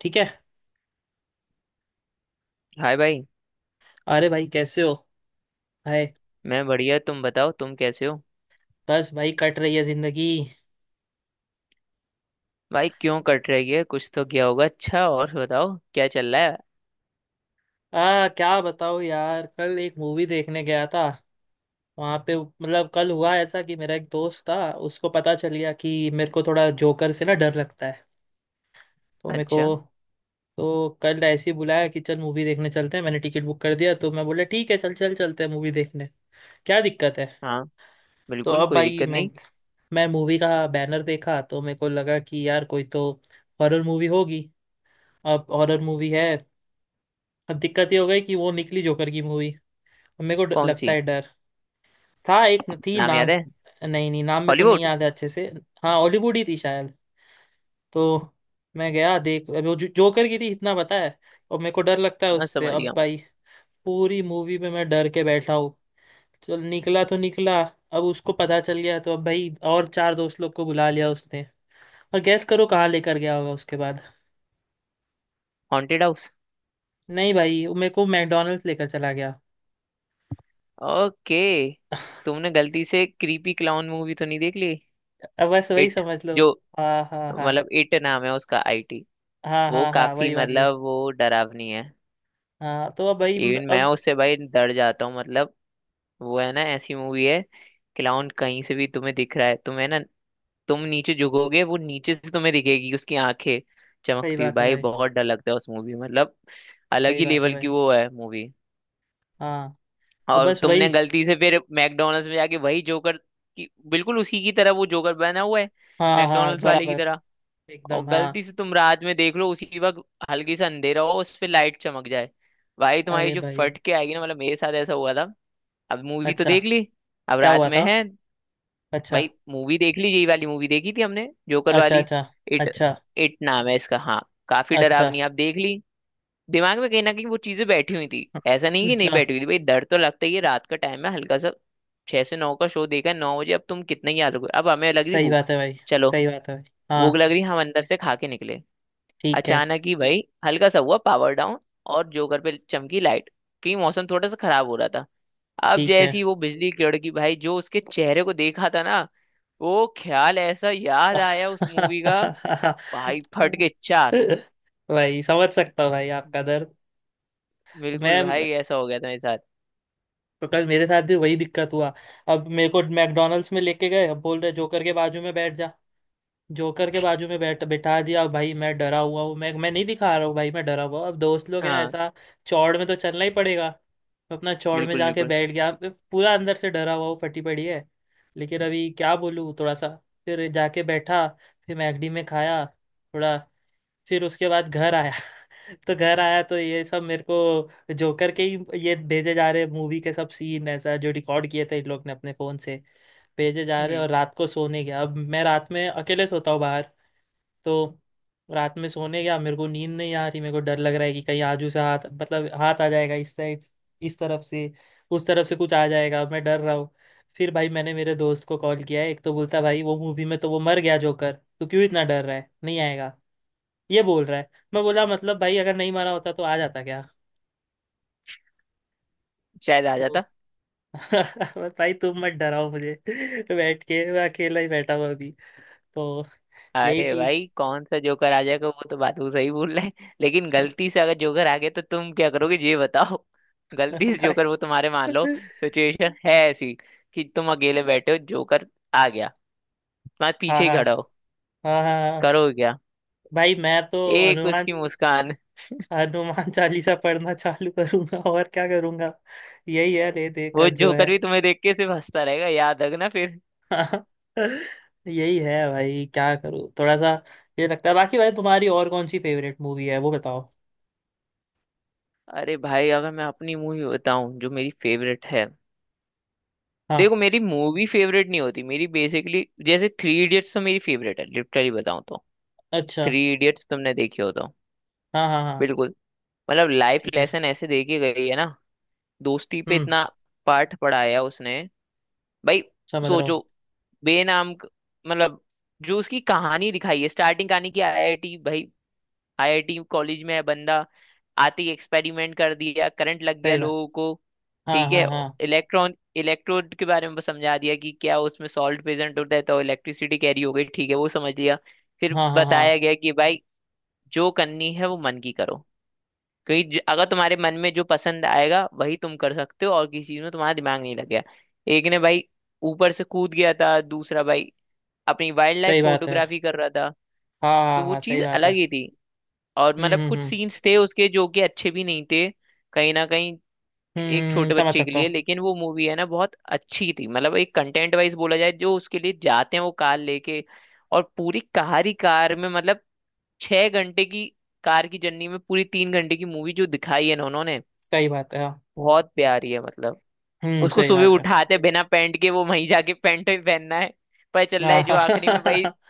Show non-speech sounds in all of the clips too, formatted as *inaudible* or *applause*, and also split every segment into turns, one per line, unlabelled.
ठीक है।
हाय भाई।
अरे भाई कैसे हो? हाय।
मैं बढ़िया, तुम बताओ तुम कैसे हो?
बस भाई कट रही है जिंदगी।
भाई क्यों कट रही है? कुछ तो किया होगा। अच्छा, और बताओ क्या चल रहा है?
आ क्या बताओ यार, कल एक मूवी देखने गया था। वहां पे मतलब कल हुआ ऐसा कि मेरा एक दोस्त था। उसको पता चल गया कि मेरे को थोड़ा जोकर से ना डर लगता है। तो मेरे को
अच्छा।
तो कल ऐसे ही बुलाया कि चल मूवी देखने चलते हैं, मैंने टिकट बुक कर दिया, तो मैं बोला ठीक है, चल चल चलते हैं मूवी देखने, क्या दिक्कत है।
हाँ,
तो
बिल्कुल
अब
कोई
भाई
दिक्कत
मैं
नहीं।
मैं मूवी का बैनर देखा तो मेरे को लगा कि यार कोई तो हॉरर मूवी होगी। अब हॉरर मूवी है। अब दिक्कत ये हो गई कि वो निकली जोकर की मूवी। अब मेरे को
कौन
लगता
सी?
है डर। था एक थी
नाम याद
नाम।
है?
नहीं नहीं, नाम मेरे को नहीं
हॉलीवुड।
याद है अच्छे से। हाँ, हॉलीवुड ही थी शायद। तो मैं गया देख, अब वो जो, जोकर की थी इतना पता है, और मेरे को डर लगता है
हाँ,
उससे।
समझ गया
अब
हूँ।
भाई पूरी मूवी में मैं डर के बैठा हूँ। चल निकला तो निकला। अब उसको पता चल गया तो अब भाई और चार दोस्त लोग को बुला लिया उसने। और गैस करो कहाँ लेकर गया होगा उसके बाद?
Haunted house.
नहीं भाई, वो मेरे को मैकडोनल्ड्स लेकर चला गया।
ओके। तुमने गलती से क्रीपी क्लाउन मूवी तो नहीं देख ली?
अब बस वही
इट।
समझ लो।
जो,
हाँ हाँ हाँ,
मतलब इट नाम है उसका, आईटी।
हाँ
वो
हाँ हाँ,
काफी,
वही वाली।
मतलब वो डरावनी है।
हाँ तो अब भाई,
इवन मैं
अब
उससे भाई डर जाता हूँ, मतलब वो है ना ऐसी मूवी है। क्लाउन कहीं से भी तुम्हें दिख रहा है तुम्हें ना। तुम नीचे झुकोगे, वो नीचे से तुम्हें दिखेगी उसकी आंखें
सही
चमकती हुई।
बात है
भाई
भाई।
बहुत डर लगता है उस मूवी में। मतलब अलग
सही
ही
बात है
लेवल की
भाई।
वो है मूवी।
हाँ तो
और
बस वही।
तुमने गलती से फिर मैकडोनल्ड्स में जाके वही जोकर की, बिल्कुल उसी की तरह वो जोकर बना हुआ है
हाँ हाँ
मैकडोनल्ड्स वाले की
बराबर।
तरह। और
एकदम हाँ।
गलती से तुम रात में देख लो उसी वक्त, हल्की सा अंधेरा हो उस पे लाइट चमक जाए, भाई तुम्हारी
अरे
जो
भाई।
फट के आएगी ना, मतलब मेरे साथ ऐसा हुआ था। अब मूवी तो
अच्छा,
देख ली, अब
क्या
रात
हुआ
में
था?
है।
अच्छा।
भाई मूवी देख लीजिए, ये वाली मूवी देखी थी हमने, जोकर
अच्छा।
वाली।
अच्छा।
इट।
अच्छा।
इट नाम है इसका, हाँ। काफी
अच्छा।
डरावनी आप देख ली। दिमाग में कहीं ना कहीं वो चीजें बैठी हुई थी। ऐसा नहीं कि नहीं
अच्छा।
बैठी हुई थी। भाई डर तो लगता ही है, रात का टाइम है हल्का सा। 6 से 9 का शो देखा है, 9 बजे। अब तुम कितना ही आलोगे, अब हमें लग रही
सही
भूख।
बात है भाई।
चलो।
सही बात है भाई।
भूख
हाँ,
लग रही, हम अंदर से खा के निकले।
ठीक है।
अचानक ही भाई हल्का सा हुआ पावर डाउन, और जोकर पे चमकी लाइट क्योंकि मौसम थोड़ा सा खराब हो रहा था। अब
ठीक है।
जैसी वो बिजली कड़की भाई, जो उसके चेहरे को देखा था ना वो, ख्याल ऐसा याद
*laughs*
आया उस मूवी का। भाई फट के चार।
भाई समझ सकता हूँ भाई आपका दर्द।
बिल्कुल
मैं,
भाई ऐसा हो गया था मेरे साथ।
तो कल मेरे साथ भी वही दिक्कत हुआ। अब मेरे को मैकडोनल्ड्स में लेके गए, अब बोल रहे जोकर के बाजू में बैठ जा। जोकर के बाजू में बैठ बिठा दिया, अब भाई मैं डरा हुआ हूँ, मैं नहीं दिखा रहा हूँ भाई मैं डरा हुआ हूँ। अब दोस्त लोग हैं
हाँ।
ऐसा, चौड़ में तो चलना ही पड़ेगा। तो अपना चौड़ में
बिल्कुल
जाके
बिल्कुल।
बैठ गया, अब पूरा अंदर से डरा हुआ हूँ, फटी पड़ी है, लेकिन अभी क्या बोलूँ थोड़ा सा। फिर जाके बैठा, फिर मैगडी में खाया थोड़ा, फिर उसके बाद घर आया। *laughs* तो घर आया तो ये सब मेरे को जोकर के ही ये भेजे जा रहे, मूवी के सब सीन, ऐसा जो रिकॉर्ड किए थे इन लोग ने अपने फोन से, भेजे जा रहे हैं।
हम्म।
और रात को सोने गया, अब मैं रात में अकेले सोता हूँ बाहर। तो रात में सोने गया, मेरे को नींद नहीं आ रही, मेरे को डर लग रहा है कि कहीं आजू से हाथ, मतलब हाथ आ जाएगा इस साइड, इस तरफ से, उस तरफ से कुछ आ जाएगा, मैं डर रहा हूँ। फिर भाई मैंने मेरे दोस्त को कॉल किया है एक, तो बोलता भाई वो मूवी में तो वो मर गया जोकर, तू क्यों इतना डर रहा है, नहीं आएगा। ये बोल रहा है, मैं बोला मतलब भाई अगर नहीं मारा होता तो आ जाता क्या?
शायद आ
तो
जाता।
*laughs* भाई तुम मत डराओ मुझे। *laughs* बैठ के मैं अकेला ही बैठा हुआ अभी। तो यही
अरे
सीन।
भाई कौन सा जोकर आ जाएगा, वो तो बात वो सही बोल रहे हैं, लेकिन
*laughs*
गलती से अगर जोकर आ गया तो तुम क्या करोगे ये बताओ। *laughs* गलती
*laughs*
से
भाई,
जोकर वो तुम्हारे, मान लो सिचुएशन है ऐसी कि तुम अकेले बैठे हो, जोकर आ गया तुम्हारे
हाँ
पीछे ही
हाँ
खड़ा हो,
हाँ, हाँ हाँ।
करोगे क्या?
भाई मैं तो
एक
हनुमान
उसकी मुस्कान,
हनुमान चालीसा पढ़ना चालू करूंगा, *laughs* और क्या करूंगा। यही है ले दे का
वो
जो है।
जोकर भी तुम्हें देख के सिर्फ हंसता रहेगा, याद रखना फिर।
*laughs* हाँ, यही है भाई क्या करूँ थोड़ा सा, ये लगता है। बाकी भाई तुम्हारी और कौन सी फेवरेट मूवी है वो बताओ?
अरे भाई अगर मैं अपनी मूवी बताऊं जो मेरी फेवरेट है,
हाँ।
देखो मेरी मूवी फेवरेट नहीं होती मेरी, बेसिकली जैसे थ्री इडियट्स तो मेरी फेवरेट है, लिटरली बताऊं तो।
अच्छा।
थ्री इडियट्स तुमने देखी हो तो?
हाँ हाँ हाँ।
बिल्कुल। मतलब लाइफ
ठीक है।
लेसन ऐसे दे के गई है ना, दोस्ती पे
हम्म
इतना पाठ पढ़ाया उसने। भाई
समझ रहा हूँ।
सोचो, बेनाम क- मतलब जो उसकी कहानी दिखाई है स्टार्टिंग, कहानी की आईआईटी। भाई आईआईटी कॉलेज में है बंदा, आते ही एक्सपेरिमेंट कर दिया, करंट लग गया
सही बात।
लोगों को।
हाँ
ठीक है।
हाँ हाँ,
इलेक्ट्रॉन इलेक्ट्रोड के बारे में समझा दिया कि क्या उसमें सॉल्ट प्रेजेंट होता है तो इलेक्ट्रिसिटी कैरी हो गई। ठीक है वो समझ लिया। फिर
हाँ हाँ हाँ,
बताया गया कि भाई जो करनी है वो मन की करो, क्योंकि अगर तुम्हारे मन में जो पसंद आएगा वही तुम कर सकते हो और किसी चीज में तुम्हारा दिमाग नहीं लगेगा। एक ने भाई ऊपर से कूद गया था, दूसरा भाई अपनी वाइल्ड लाइफ
सही बात है
फोटोग्राफी कर रहा था,
हाँ। हाँ
तो वो
हाँ, सही
चीज
बात है।
अलग ही थी। और मतलब कुछ
हम्म,
सीन्स थे उसके जो कि अच्छे भी नहीं थे कहीं ना कहीं, एक छोटे
समझ
बच्चे के
सकता हूँ।
लिए। लेकिन वो मूवी है ना बहुत अच्छी थी, मतलब एक कंटेंट वाइज बोला जाए, जो उसके लिए जाते हैं वो कार लेके, और पूरी कार ही कार में, मतलब 6 घंटे की कार की जर्नी में पूरी 3 घंटे की मूवी जो दिखाई है ना उन्होंने,
सही बात है हाँ।
बहुत प्यारी है मतलब। उसको
सही
सुबह
बात है
उठाते बिना पैंट के, वो वहीं जाके पैंट ही पहनना है पर चल रहा है, जो आखिरी में भाई
हाँ। *laughs*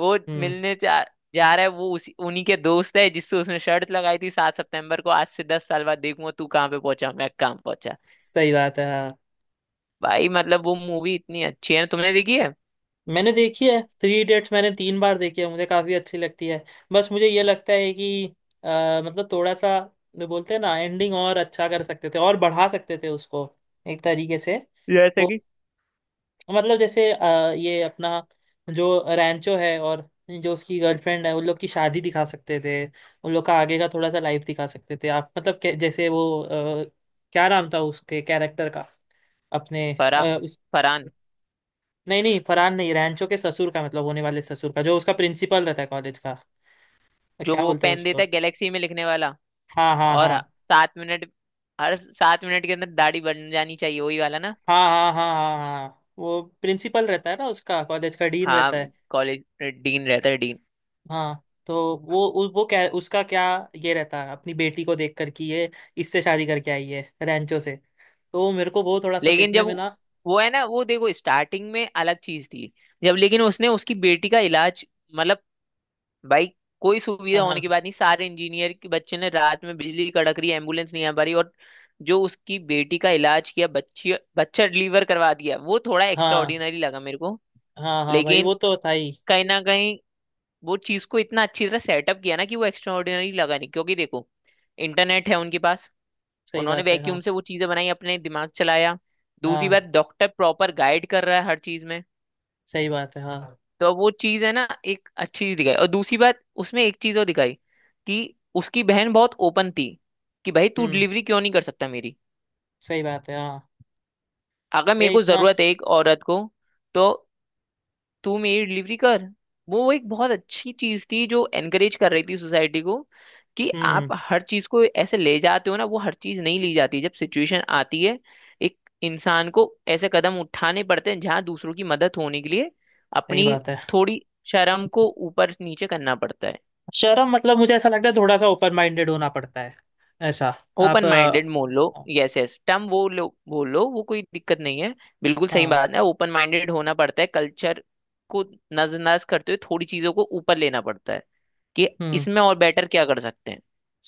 वो
हम्म
मिलने जा जा रहा है वो उसी उन्हीं के दोस्त है जिससे उसने शर्त लगाई थी 7 सितंबर को, आज से 10 साल बाद देखूंगा तू कहाँ पे पहुंचा मैं कहाँ पहुंचा।
सही बात है हाँ।
भाई मतलब वो मूवी इतनी अच्छी है ना, तुमने देखी है?
मैंने देखी है थ्री इडियट्स, मैंने 3 बार देखी है, मुझे काफी अच्छी लगती है। बस मुझे ये लगता है कि अ, मतलब थोड़ा सा, जो बोलते हैं ना एंडिंग और अच्छा कर सकते थे और बढ़ा सकते थे उसको एक तरीके से।
जैसे
वो,
कि
मतलब जैसे ये अपना, जो रैंचो है और जो उसकी गर्लफ्रेंड है, उन लोग की शादी दिखा सकते थे, उन लोग का आगे का थोड़ा सा लाइफ दिखा सकते थे आप, मतलब जैसे वो, क्या नाम था उसके कैरेक्टर का, अपने,
फरा
अ, उस,
फरहान,
नहीं नहीं, फरहान नहीं, रैंचो के ससुर का, मतलब होने वाले ससुर का, जो उसका प्रिंसिपल रहता है कॉलेज का।
जो
क्या
वो
बोलते हैं
पेन
उसको?
देता है गैलेक्सी में लिखने वाला,
हाँ हाँ
और
हाँ,
7 मिनट, हर 7 मिनट के अंदर दाढ़ी बन जानी चाहिए वही वाला ना।
हाँ हाँ हाँ, हाँ हाँ, वो प्रिंसिपल रहता है ना, उसका कॉलेज का डीन रहता
हाँ
है।
कॉलेज, डीन रहता है, डीन।
हाँ, तो वो वो क्या, उसका क्या, ये रहता है अपनी बेटी को देख कर कि ये इससे शादी करके आई है रैंचो से, तो मेरे को वो थोड़ा सा
लेकिन
देखने
जब
में ना।
वो है ना, वो देखो स्टार्टिंग में अलग चीज थी, जब लेकिन उसने उसकी बेटी का इलाज, मतलब भाई कोई सुविधा
हाँ हाँ
होने के बाद नहीं, सारे इंजीनियर के बच्चे ने रात में बिजली कड़क रही एम्बुलेंस नहीं आ पा रही, और जो उसकी बेटी का इलाज किया, बच्ची बच्चा डिलीवर करवा दिया, वो थोड़ा एक्स्ट्रा
हाँ,
ऑर्डिनरी लगा मेरे को।
हाँ हाँ, भाई
लेकिन
वो तो था ही।
कहीं ना कहीं वो चीज को इतना अच्छी तरह सेटअप किया ना कि वो एक्स्ट्रा ऑर्डिनरी लगा नहीं, क्योंकि देखो इंटरनेट है उनके पास,
सही
उन्होंने
बात है हाँ।
वैक्यूम से वो चीजें बनाई, अपने दिमाग चलाया। दूसरी बात
हाँ
डॉक्टर प्रॉपर गाइड कर रहा है हर चीज में।
सही बात है हाँ।
तो अब वो चीज है ना, एक अच्छी चीज दिखाई। और दूसरी बात उसमें एक चीज और दिखाई, कि उसकी बहन बहुत ओपन थी कि भाई तू
हम्म
डिलीवरी क्यों नहीं कर सकता मेरी,
सही बात है हाँ।
अगर मेरे
ये
को
इतना।
जरूरत है एक औरत को, तो तू मेरी डिलीवरी कर। वो एक बहुत अच्छी चीज थी जो एनकरेज कर रही थी सोसाइटी को, कि आप
हम्म
हर चीज को ऐसे ले जाते हो ना, वो हर चीज नहीं ली जाती जब सिचुएशन आती है। एक इंसान को ऐसे कदम उठाने पड़ते हैं जहां दूसरों की मदद होने के लिए,
सही
अपनी
बात है।
थोड़ी शर्म को ऊपर नीचे करना पड़ता है।
शर्म, मतलब मुझे ऐसा लगता है थोड़ा सा ओपन माइंडेड होना पड़ता है, ऐसा। आप
ओपन माइंडेड बोल लो, यस यस टर्म वो लो बोल लो, वो कोई दिक्कत नहीं है। बिल्कुल सही
हाँ।
बात है, ओपन माइंडेड होना पड़ता है, कल्चर को नजरअंदाज करते हुए थोड़ी चीजों को ऊपर लेना पड़ता है, कि
हम्म
इसमें और बेटर क्या कर सकते हैं।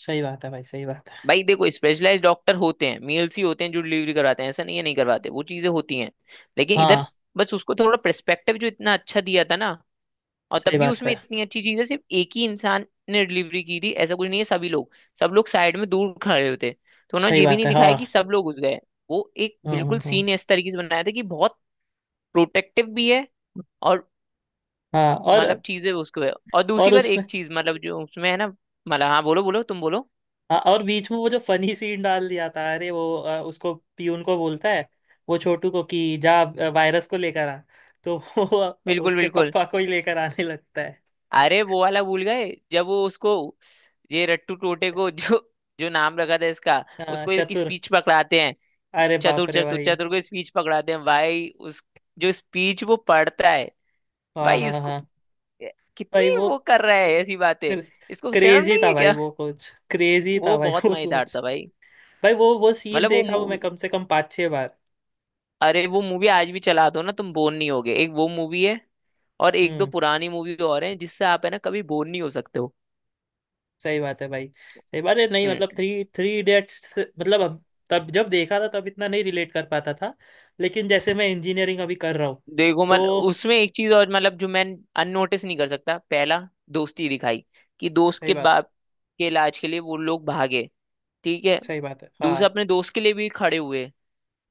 सही बात है भाई, सही बात है।
भाई देखो स्पेशलाइज डॉक्टर होते हैं, मेल्स ही होते हैं जो डिलीवरी करवाते हैं। ऐसा नहीं है, नहीं करवाते, वो चीजें होती हैं लेकिन इधर,
हाँ,
बस उसको थोड़ा पर्सपेक्टिव जो इतना अच्छा दिया था ना, और तब
सही
भी
बात
उसमें
है।
इतनी अच्छी चीज है, सिर्फ एक ही इंसान ने डिलीवरी की थी ऐसा कुछ नहीं है, सभी लोग, सब लोग साइड में दूर खड़े होते। तो उन्होंने
सही
ये भी
बात
नहीं
है
दिखाया
हाँ।
कि सब लोग घुस गए। वो एक
हम्म
बिल्कुल
हम्म हम्म,
सीन इस तरीके से बनाया था कि बहुत प्रोटेक्टिव भी है, और
हाँ और।
मतलब चीजें उसको है। और दूसरी
और
बात
उसमें,
एक चीज मतलब जो उसमें है ना, मतलब हाँ बोलो बोलो तुम बोलो।
हाँ, और बीच में वो जो फनी सीन डाल दिया था, अरे वो उसको, पीयून को बोलता है, वो छोटू को कि जा वायरस को लेकर आ, तो वो
बिल्कुल
उसके
बिल्कुल।
पापा को ही लेकर आने लगता है।
अरे वो वाला भूल गए जब वो उसको ये रट्टू टोटे को *laughs* जो जो नाम रखा था इसका,
हाँ,
उसको एक
चतुर।
स्पीच पकड़ाते हैं। कि
अरे बाप
चतुर,
रे
चतुर
भाई।
चतुर को स्पीच पकड़ाते हैं भाई, उस जो स्पीच वो पढ़ता है
हाँ
भाई,
हाँ
इसको
हाँ, भाई
कितनी
वो
वो कर रहा है ऐसी बातें, इसको शर्म
क्रेजी
नहीं
था
है
भाई,
क्या?
वो कुछ क्रेजी था
वो
भाई,
बहुत
वो
मजेदार
कुछ,
था भाई,
भाई वो सीन
मतलब वो
देखा हूँ मैं
मूवी।
कम से कम 5-6 बार।
अरे वो मूवी आज भी चला दो ना, तुम बोर नहीं होगे। एक वो मूवी है, और एक दो
हम्म
पुरानी मूवी और हैं जिससे आप है ना कभी बोर नहीं हो सकते हो।
सही बात है भाई। सही बात है, नहीं मतलब
हम्म।
थ्री थ्री इडियट्स, मतलब अब, तब जब देखा था तब इतना नहीं रिलेट कर पाता था, लेकिन जैसे मैं इंजीनियरिंग अभी कर रहा हूँ
देखो
तो।
मतलब उसमें एक चीज और, मतलब जो मैं अननोटिस नहीं कर सकता, पहला दोस्ती दिखाई कि दोस्त
सही
के
बात।
बाप के इलाज के लिए वो लोग भागे, ठीक है,
सही बात है हाँ।
दूसरा अपने दोस्त के लिए भी खड़े हुए।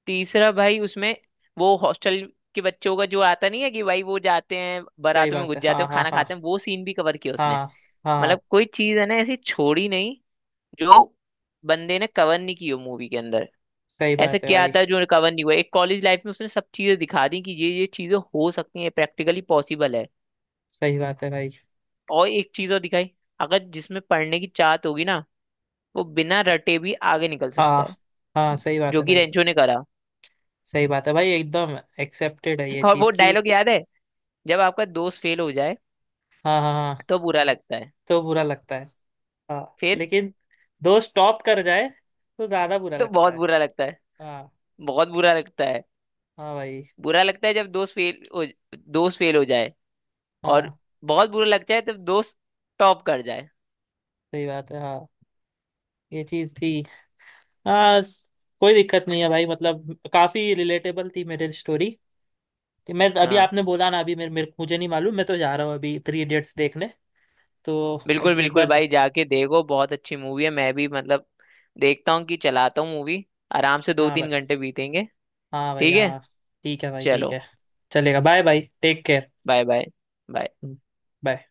तीसरा भाई उसमें वो हॉस्टल के बच्चों का जो आता नहीं है कि भाई वो जाते हैं
सही
बारातों में
बात
घुस
है
जाते
हाँ
हैं
हाँ
खाना
हाँ।
खाते हैं, वो सीन भी कवर किया उसने।
हाँ हाँ,
मतलब कोई चीज है ना ऐसी छोड़ी नहीं जो बंदे ने कवर नहीं की हो मूवी के अंदर।
सही
ऐसा
बात है
क्या
भाई।
था जो कवर नहीं हुआ एक कॉलेज लाइफ में, उसने सब चीजें दिखा दी कि ये चीजें हो सकती हैं, प्रैक्टिकली पॉसिबल है।
सही बात है भाई।
और एक चीज और दिखाई, अगर जिसमें पढ़ने की चाहत होगी ना वो बिना रटे भी आगे निकल सकता
हाँ
है,
हाँ, सही बात
जो
है
कि
भाई,
रेंचो ने करा।
सही बात है भाई एकदम, एक्सेप्टेड है ये
और वो
चीज़ की।
डायलॉग याद है, जब आपका दोस्त फेल हो जाए
हाँ हाँ हाँ,
तो बुरा लगता है,
तो बुरा लगता है। हाँ
फिर
लेकिन दो स्टॉप कर जाए तो ज्यादा बुरा
तो
लगता
बहुत
है।
बुरा लगता है,
हाँ
बहुत बुरा लगता है।
हाँ भाई,
बुरा लगता है जब दोस्त फेल हो, दोस्त फेल हो जाए, और
हाँ
बहुत बुरा लगता है जब दोस्त टॉप कर जाए।
सही बात है हाँ। ये चीज थी। हाँ, कोई दिक्कत नहीं है भाई, मतलब काफी रिलेटेबल थी मेरी स्टोरी। कि मैं अभी,
हाँ।
आपने बोला ना अभी मेरे मुझे नहीं मालूम, मैं तो जा रहा हूँ अभी थ्री इडियट्स देखने। तो अब
बिल्कुल
एक
बिल्कुल
बार
भाई जाके देखो, बहुत अच्छी मूवी है, मैं भी मतलब देखता हूँ कि चलाता हूँ मूवी, आराम से दो
हाँ
तीन
भाई,
घंटे बीतेंगे।
हाँ भाई
ठीक है।
हाँ, ठीक है भाई ठीक
चलो।
है। चलेगा, bye bye, take care,
bye bye. Bye.
Bye.